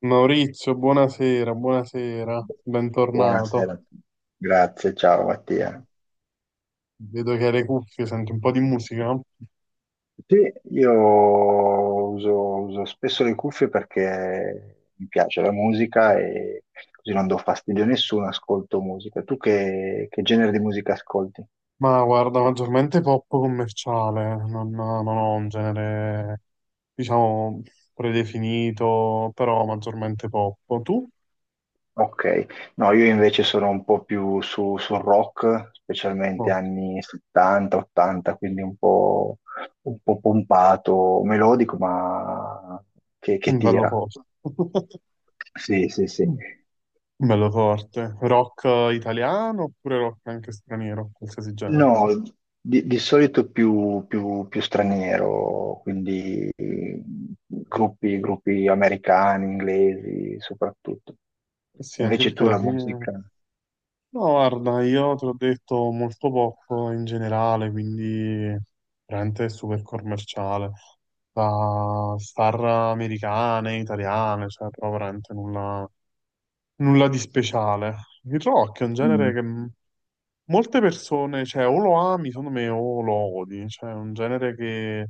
Maurizio, buonasera, buonasera, bentornato. Buonasera a tutti. Grazie, ciao Mattia. Vedo che hai le cuffie, senti un po' di musica, Sì, io uso, uso spesso le cuffie perché mi piace la musica e così non do fastidio a nessuno, ascolto musica. Tu che genere di musica ascolti? ma guarda, maggiormente pop commerciale, non ho un genere, diciamo, predefinito, però maggiormente pop. Tu? Ok, no, io invece sono un po' più su, sul rock, specialmente No, anni 70, 80, quindi un po' pompato, melodico, ma che bello tira. forte. Sì, sì, sì. Bello forte. Rock italiano oppure rock anche straniero, qualsiasi genere? No, di solito più, più- più straniero, quindi gruppi, gruppi americani, inglesi soprattutto. Eh sì, anche Invece perché tu alla la fine... musica? No, guarda, io te l'ho detto molto poco in generale, quindi veramente super commerciale, da star americane, italiane, cioè proprio veramente nulla, nulla di speciale. Il rock è un Mm. genere che molte persone, cioè o lo ami, secondo me, o lo odi, cioè è un genere che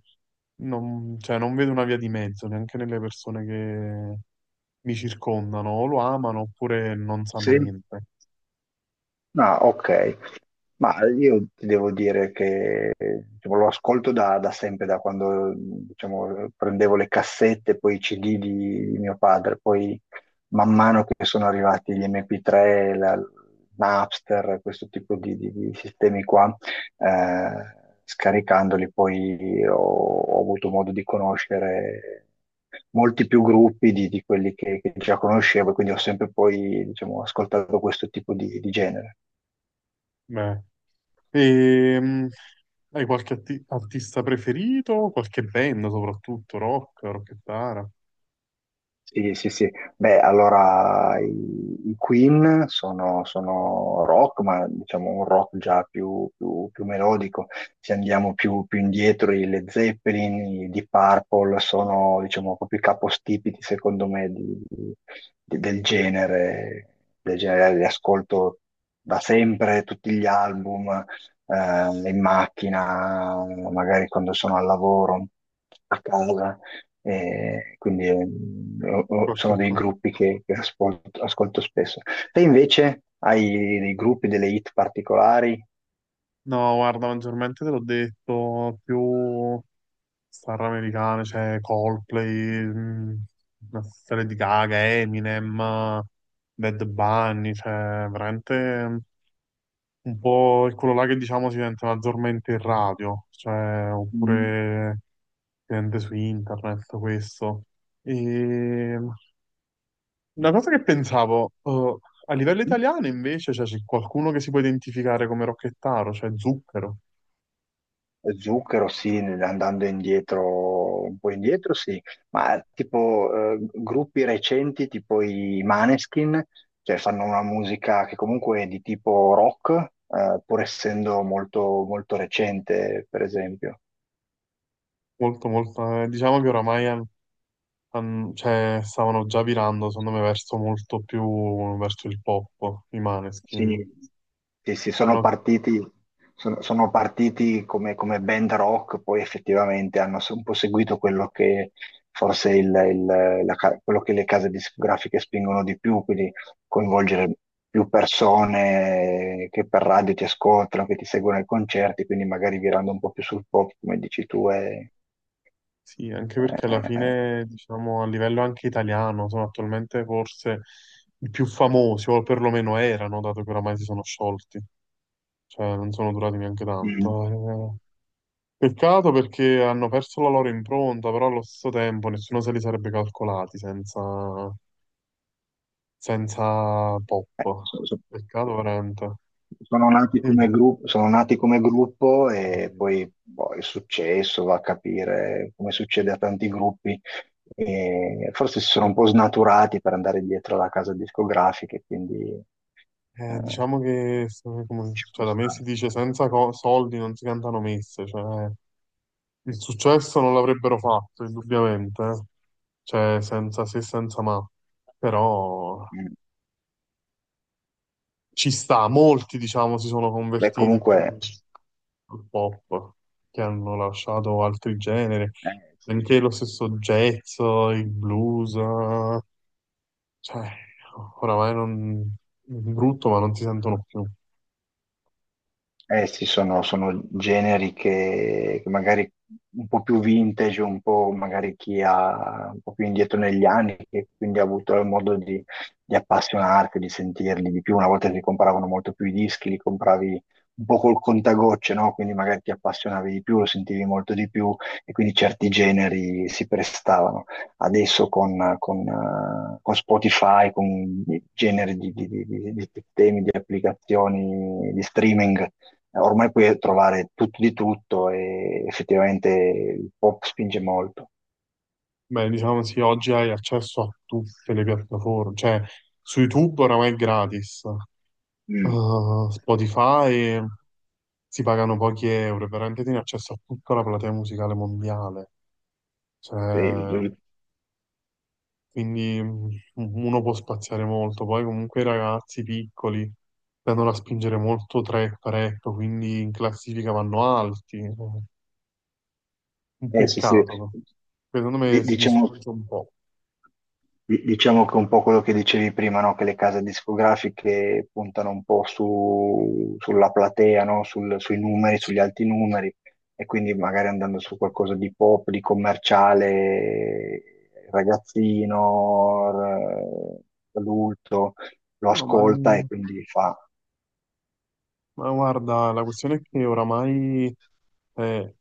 non, cioè, non vedo una via di mezzo neanche nelle persone che mi circondano, o lo amano oppure non sanno Sì? niente. Ah, ok. Ma io ti devo dire che diciamo, lo ascolto da, da sempre, da quando diciamo, prendevo le cassette, poi i CD di mio padre, poi man mano che sono arrivati gli MP3, la, Napster, questo tipo di, di sistemi qua, scaricandoli poi ho, ho avuto modo di conoscere molti più gruppi di quelli che già conoscevo, e quindi ho sempre poi diciamo, ascoltato questo tipo di genere. Beh. Ehm, hai qualche artista preferito? Qualche band soprattutto, rock, rockettara? Sì, sì, sì. Beh, allora i Queen sono, sono rock, ma diciamo un rock già più, più melodico. Se andiamo più, più indietro, i Led Zeppelin, i Deep Purple sono, diciamo, proprio i capostipiti, secondo me, del genere. Del genere li ascolto da sempre, tutti gli album, in macchina, magari quando sono al lavoro, a casa. Quindi sono Qualche dei cosa? gruppi che ascolto, ascolto spesso. Te invece hai dei gruppi, delle hit particolari? No, guarda, maggiormente te l'ho detto, più star americane, cioè Coldplay, una serie di Gaga, Eminem, Bad Bunny, cioè veramente mh, un po' è quello là che diciamo si sente maggiormente in radio, cioè Mm. oppure si sente su internet questo. E una cosa che pensavo, a livello italiano invece, cioè, c'è qualcuno che si può identificare come Rocchettaro, cioè Zucchero, Zucchero, sì, andando indietro, un po' indietro, sì, ma tipo gruppi recenti, tipo i Maneskin, cioè fanno una musica che comunque è di tipo rock, pur essendo molto, molto recente, per esempio. molto, molto, diciamo che oramai cioè, stavano già virando, secondo me, verso molto più, verso il pop, i Maneskin. Sì, sì, sì, sono Hanno, partiti, sono partiti come, come band rock, poi effettivamente hanno un po' seguito quello che forse quello che le case discografiche spingono di più, quindi coinvolgere più persone che per radio ti ascoltano, che ti seguono ai concerti, quindi magari virando un po' più sul pop, come dici tu, e, sì, anche perché alla eh, fine, diciamo, a livello anche italiano, sono attualmente forse i più famosi, o perlomeno erano, dato che oramai si sono sciolti, cioè non sono durati neanche mm. tanto. Eh. Peccato perché hanno perso la loro impronta, però allo stesso tempo nessuno se li sarebbe calcolati senza, senza pop. Eh, so- so- Peccato veramente. Sono nati Mm, come gruppo, sono nati come gruppo e sì. poi boh, è successo, va a capire come succede a tanti gruppi. E forse si sono un po' snaturati per andare dietro alla casa discografica, e quindi Diciamo che ci cioè, può da me si stare. dice senza soldi non si cantano messe, cioè il successo non l'avrebbero fatto, indubbiamente, eh, cioè senza se e senza ma, però Mm. ci sta, molti diciamo si sono Beh, convertiti più comunque, al pop, che hanno lasciato altri generi, eh, anche lo stesso jazz, il blues, cioè, oramai non... brutto, ma non si sentono più. eh sì, sono, sono generi che magari un po' più vintage, un po' magari chi ha un po' più indietro negli anni, che quindi ha avuto il modo di appassionarsi, di sentirli di più. Una volta si compravano molto più i dischi, li compravi un po' col contagocce, no? Quindi magari ti appassionavi di più, lo sentivi molto di più e quindi certi generi si prestavano. Adesso con Spotify, con i generi di, di sistemi, di applicazioni, di streaming ormai puoi trovare tutto di tutto e effettivamente il pop spinge molto. Beh, diciamo sì, oggi hai accesso a tutte le piattaforme, cioè su YouTube oramai è gratis, Mm. Spotify si pagano pochi euro, e veramente tieni accesso a tutta la platea musicale mondiale, cioè... Eh, quindi mm, uno può spaziare molto. Poi comunque i ragazzi piccoli tendono a spingere molto trap, rap, quindi in classifica vanno alti. Un sì, sì. peccato, secondo me si Diciamo, distrugge un po'. Diciamo che un po' quello che dicevi prima, no? Che le case discografiche puntano un po' sulla platea, no? Sui numeri, Sì. sugli alti numeri, e quindi magari andando su qualcosa di pop, di commerciale, ragazzino, adulto, lo No, ascolta e quindi fa ma guarda, la questione è che oramai, eh,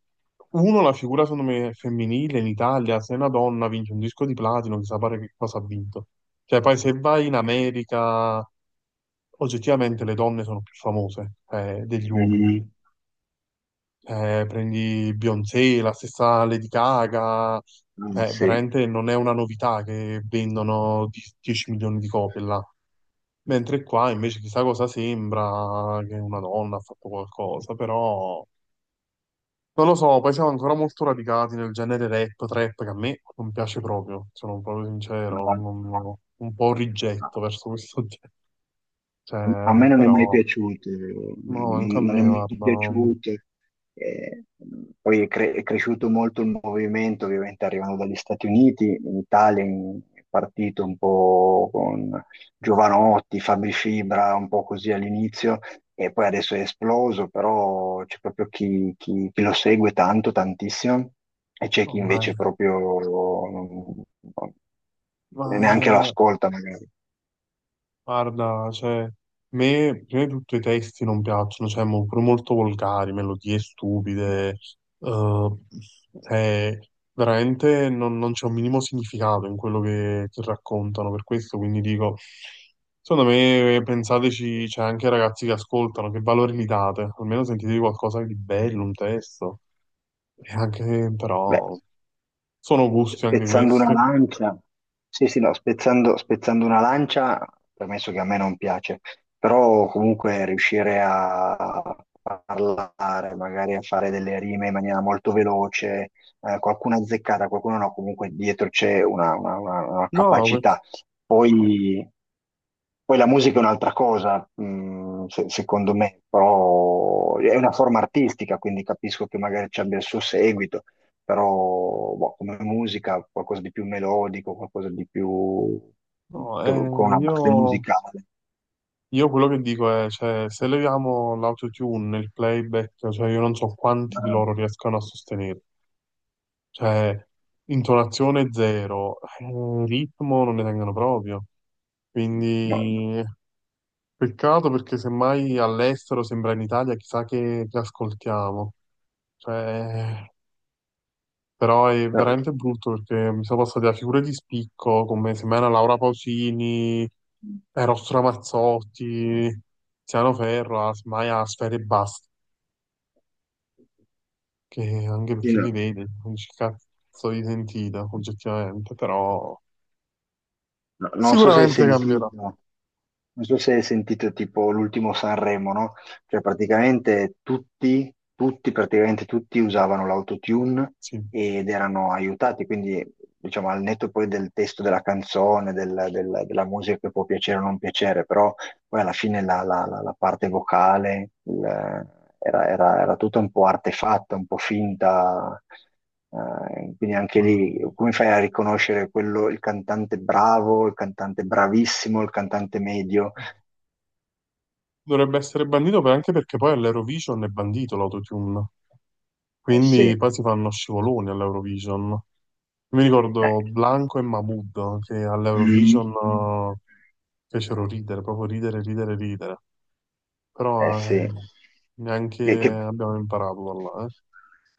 uno, la figura secondo me è femminile in Italia, se una donna vince un disco di platino, chissà pare che cosa ha vinto. Cioè, poi se vai in America oggettivamente le donne sono più famose degli uomini. mm, Prendi Beyoncé, la stessa Lady Gaga, ah, sì, veramente non è una novità che vendono 10 milioni di copie là. Mentre qua invece chissà cosa sembra che una donna ha fatto qualcosa, però non lo so, poi siamo ancora molto radicati nel genere rap, trap, che a me non piace proprio, sono proprio sincero, no, un po' no. rigetto verso questo genere. A me Cioè, non è mai però, piaciuto, no, anche a non è me, mai guarda, piaciuto. Eh, poi è cresciuto molto il movimento, ovviamente arrivando dagli Stati Uniti, in Italia è partito un po' con Giovanotti, Fabri Fibra, un po' così all'inizio, e poi adesso è esploso, però c'è proprio chi, chi lo segue tanto, tantissimo, e c'è No, chi invece proprio non- non- ma neanche lo è- ascolta magari. guarda, cioè, a me prima di tutto i testi non piacciono, cioè, pure molto volgari, melodie stupide, eh, cioè, veramente non c'è un minimo significato in quello che raccontano, per questo quindi dico, secondo me pensateci, c'è anche ai ragazzi che ascoltano, che valore gli date, almeno sentitevi qualcosa di bello, un testo, e anche Beh, però sono gusti anche spezzando una questi. lancia, sì, sì, no, spezzando, spezzando una lancia, permesso che a me non piace, però comunque riuscire a parlare, magari a fare delle rime in maniera molto veloce, qualcuno azzeccata, qualcuno no, comunque dietro c'è una, una No, que- capacità. Poi, poi la musica è un'altra cosa, secondo me, però è una forma artistica, quindi capisco che magari ci abbia il suo seguito però boh, come musica qualcosa di più melodico, qualcosa di più no, con una base io musicale. Io quello che dico è, cioè, se leviamo l'autotune, il playback, cioè io non so quanti di Ma- loro riescano a sostenere. Cioè, intonazione zero, ritmo non ne tengono proprio. ma- Quindi, peccato perché semmai all'estero sembra in Italia, chissà che ascoltiamo. Cioè, però è eh, veramente brutto perché mi sono passati da figure di spicco come semmai una Laura Pausini, Eros Ramazzotti, Tiziano Ferro, a, semmai a Sfera e basta che anche sì, perché li no, vedi, non dici cazzo di sentita, oggettivamente, però no, non so se hai sicuramente cambierà, sentito, non so se hai sentito tipo l'ultimo Sanremo, no? Cioè praticamente tutti, tutti, praticamente tutti usavano l'autotune sì, ed erano aiutati, quindi diciamo al netto poi del testo della canzone, della musica che può piacere o non piacere, però poi alla fine la parte vocale era, era tutta un po' artefatta, un po' finta, quindi anche ma lì come fai a riconoscere quello, il cantante bravo, il cantante bravissimo, il cantante medio? no. Dovrebbe essere bandito anche perché poi all'Eurovision è bandito l'autotune, Eh sì, quindi poi si fanno scivoloni all'Eurovision. Mi ricordo Blanco e Mahmood che all'Eurovision mm, mm, fecero ridere, proprio ridere, ridere, ridere. eh Però sì. Che, neanche che- abbiamo imparato da là, eh.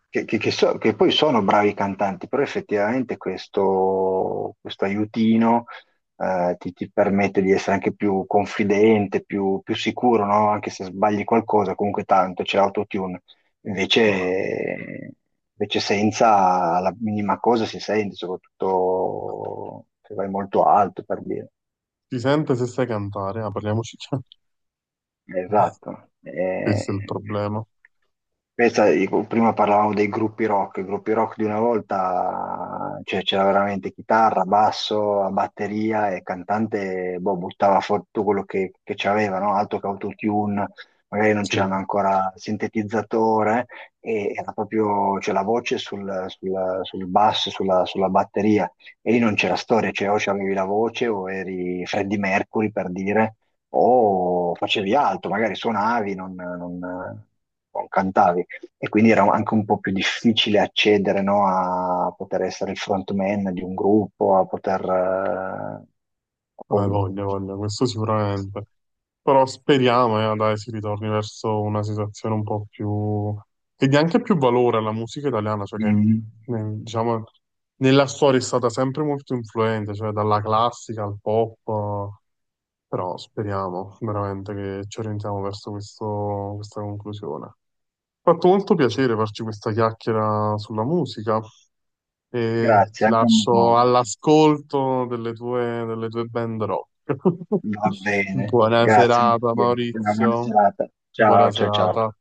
che poi sono bravi cantanti, però effettivamente questo, questo aiutino ti, ti permette di essere anche più confidente, più, più sicuro, no? Anche se sbagli qualcosa, comunque tanto c'è l'autotune. No, Invece, invece senza la minima cosa si sente, soprattutto se vai molto alto, per dire. si sente se sai cantare, ah, parliamoci. Esatto. Questo è il problema. questa, dico, prima parlavamo dei gruppi rock, i gruppi rock di una volta, cioè, c'era veramente chitarra, basso, batteria e il cantante, boh, buttava fuori tutto quello che c'aveva, no? Altro che autotune, magari non Sì, c'erano ancora sintetizzatore e era proprio, cioè, la voce sul, sul basso, sulla, sulla batteria e lì non c'era storia, cioè o c'avevi la voce o eri Freddie Mercury per dire o facevi altro, magari suonavi, non cantavi. E quindi era anche un po' più difficile accedere, no, a poter essere il frontman di un gruppo, a poter... hai voglia, voglia, questo sicuramente. Però speriamo, dai, si ritorni verso una situazione un po' più... che dia anche più valore alla musica italiana, cioè che, mm, diciamo, nella storia è stata sempre molto influente, cioè dalla classica al pop, però speriamo veramente che ci orientiamo verso questa conclusione. Mi ha fatto molto piacere farci questa chiacchiera sulla musica e grazie, ti anche a me lascio molto. all'ascolto delle tue band rock. Va bene, Buona grazie, serata, Mattia. Una buona Maurizio. serata. Buona Ciao, ciao, serata. ciao.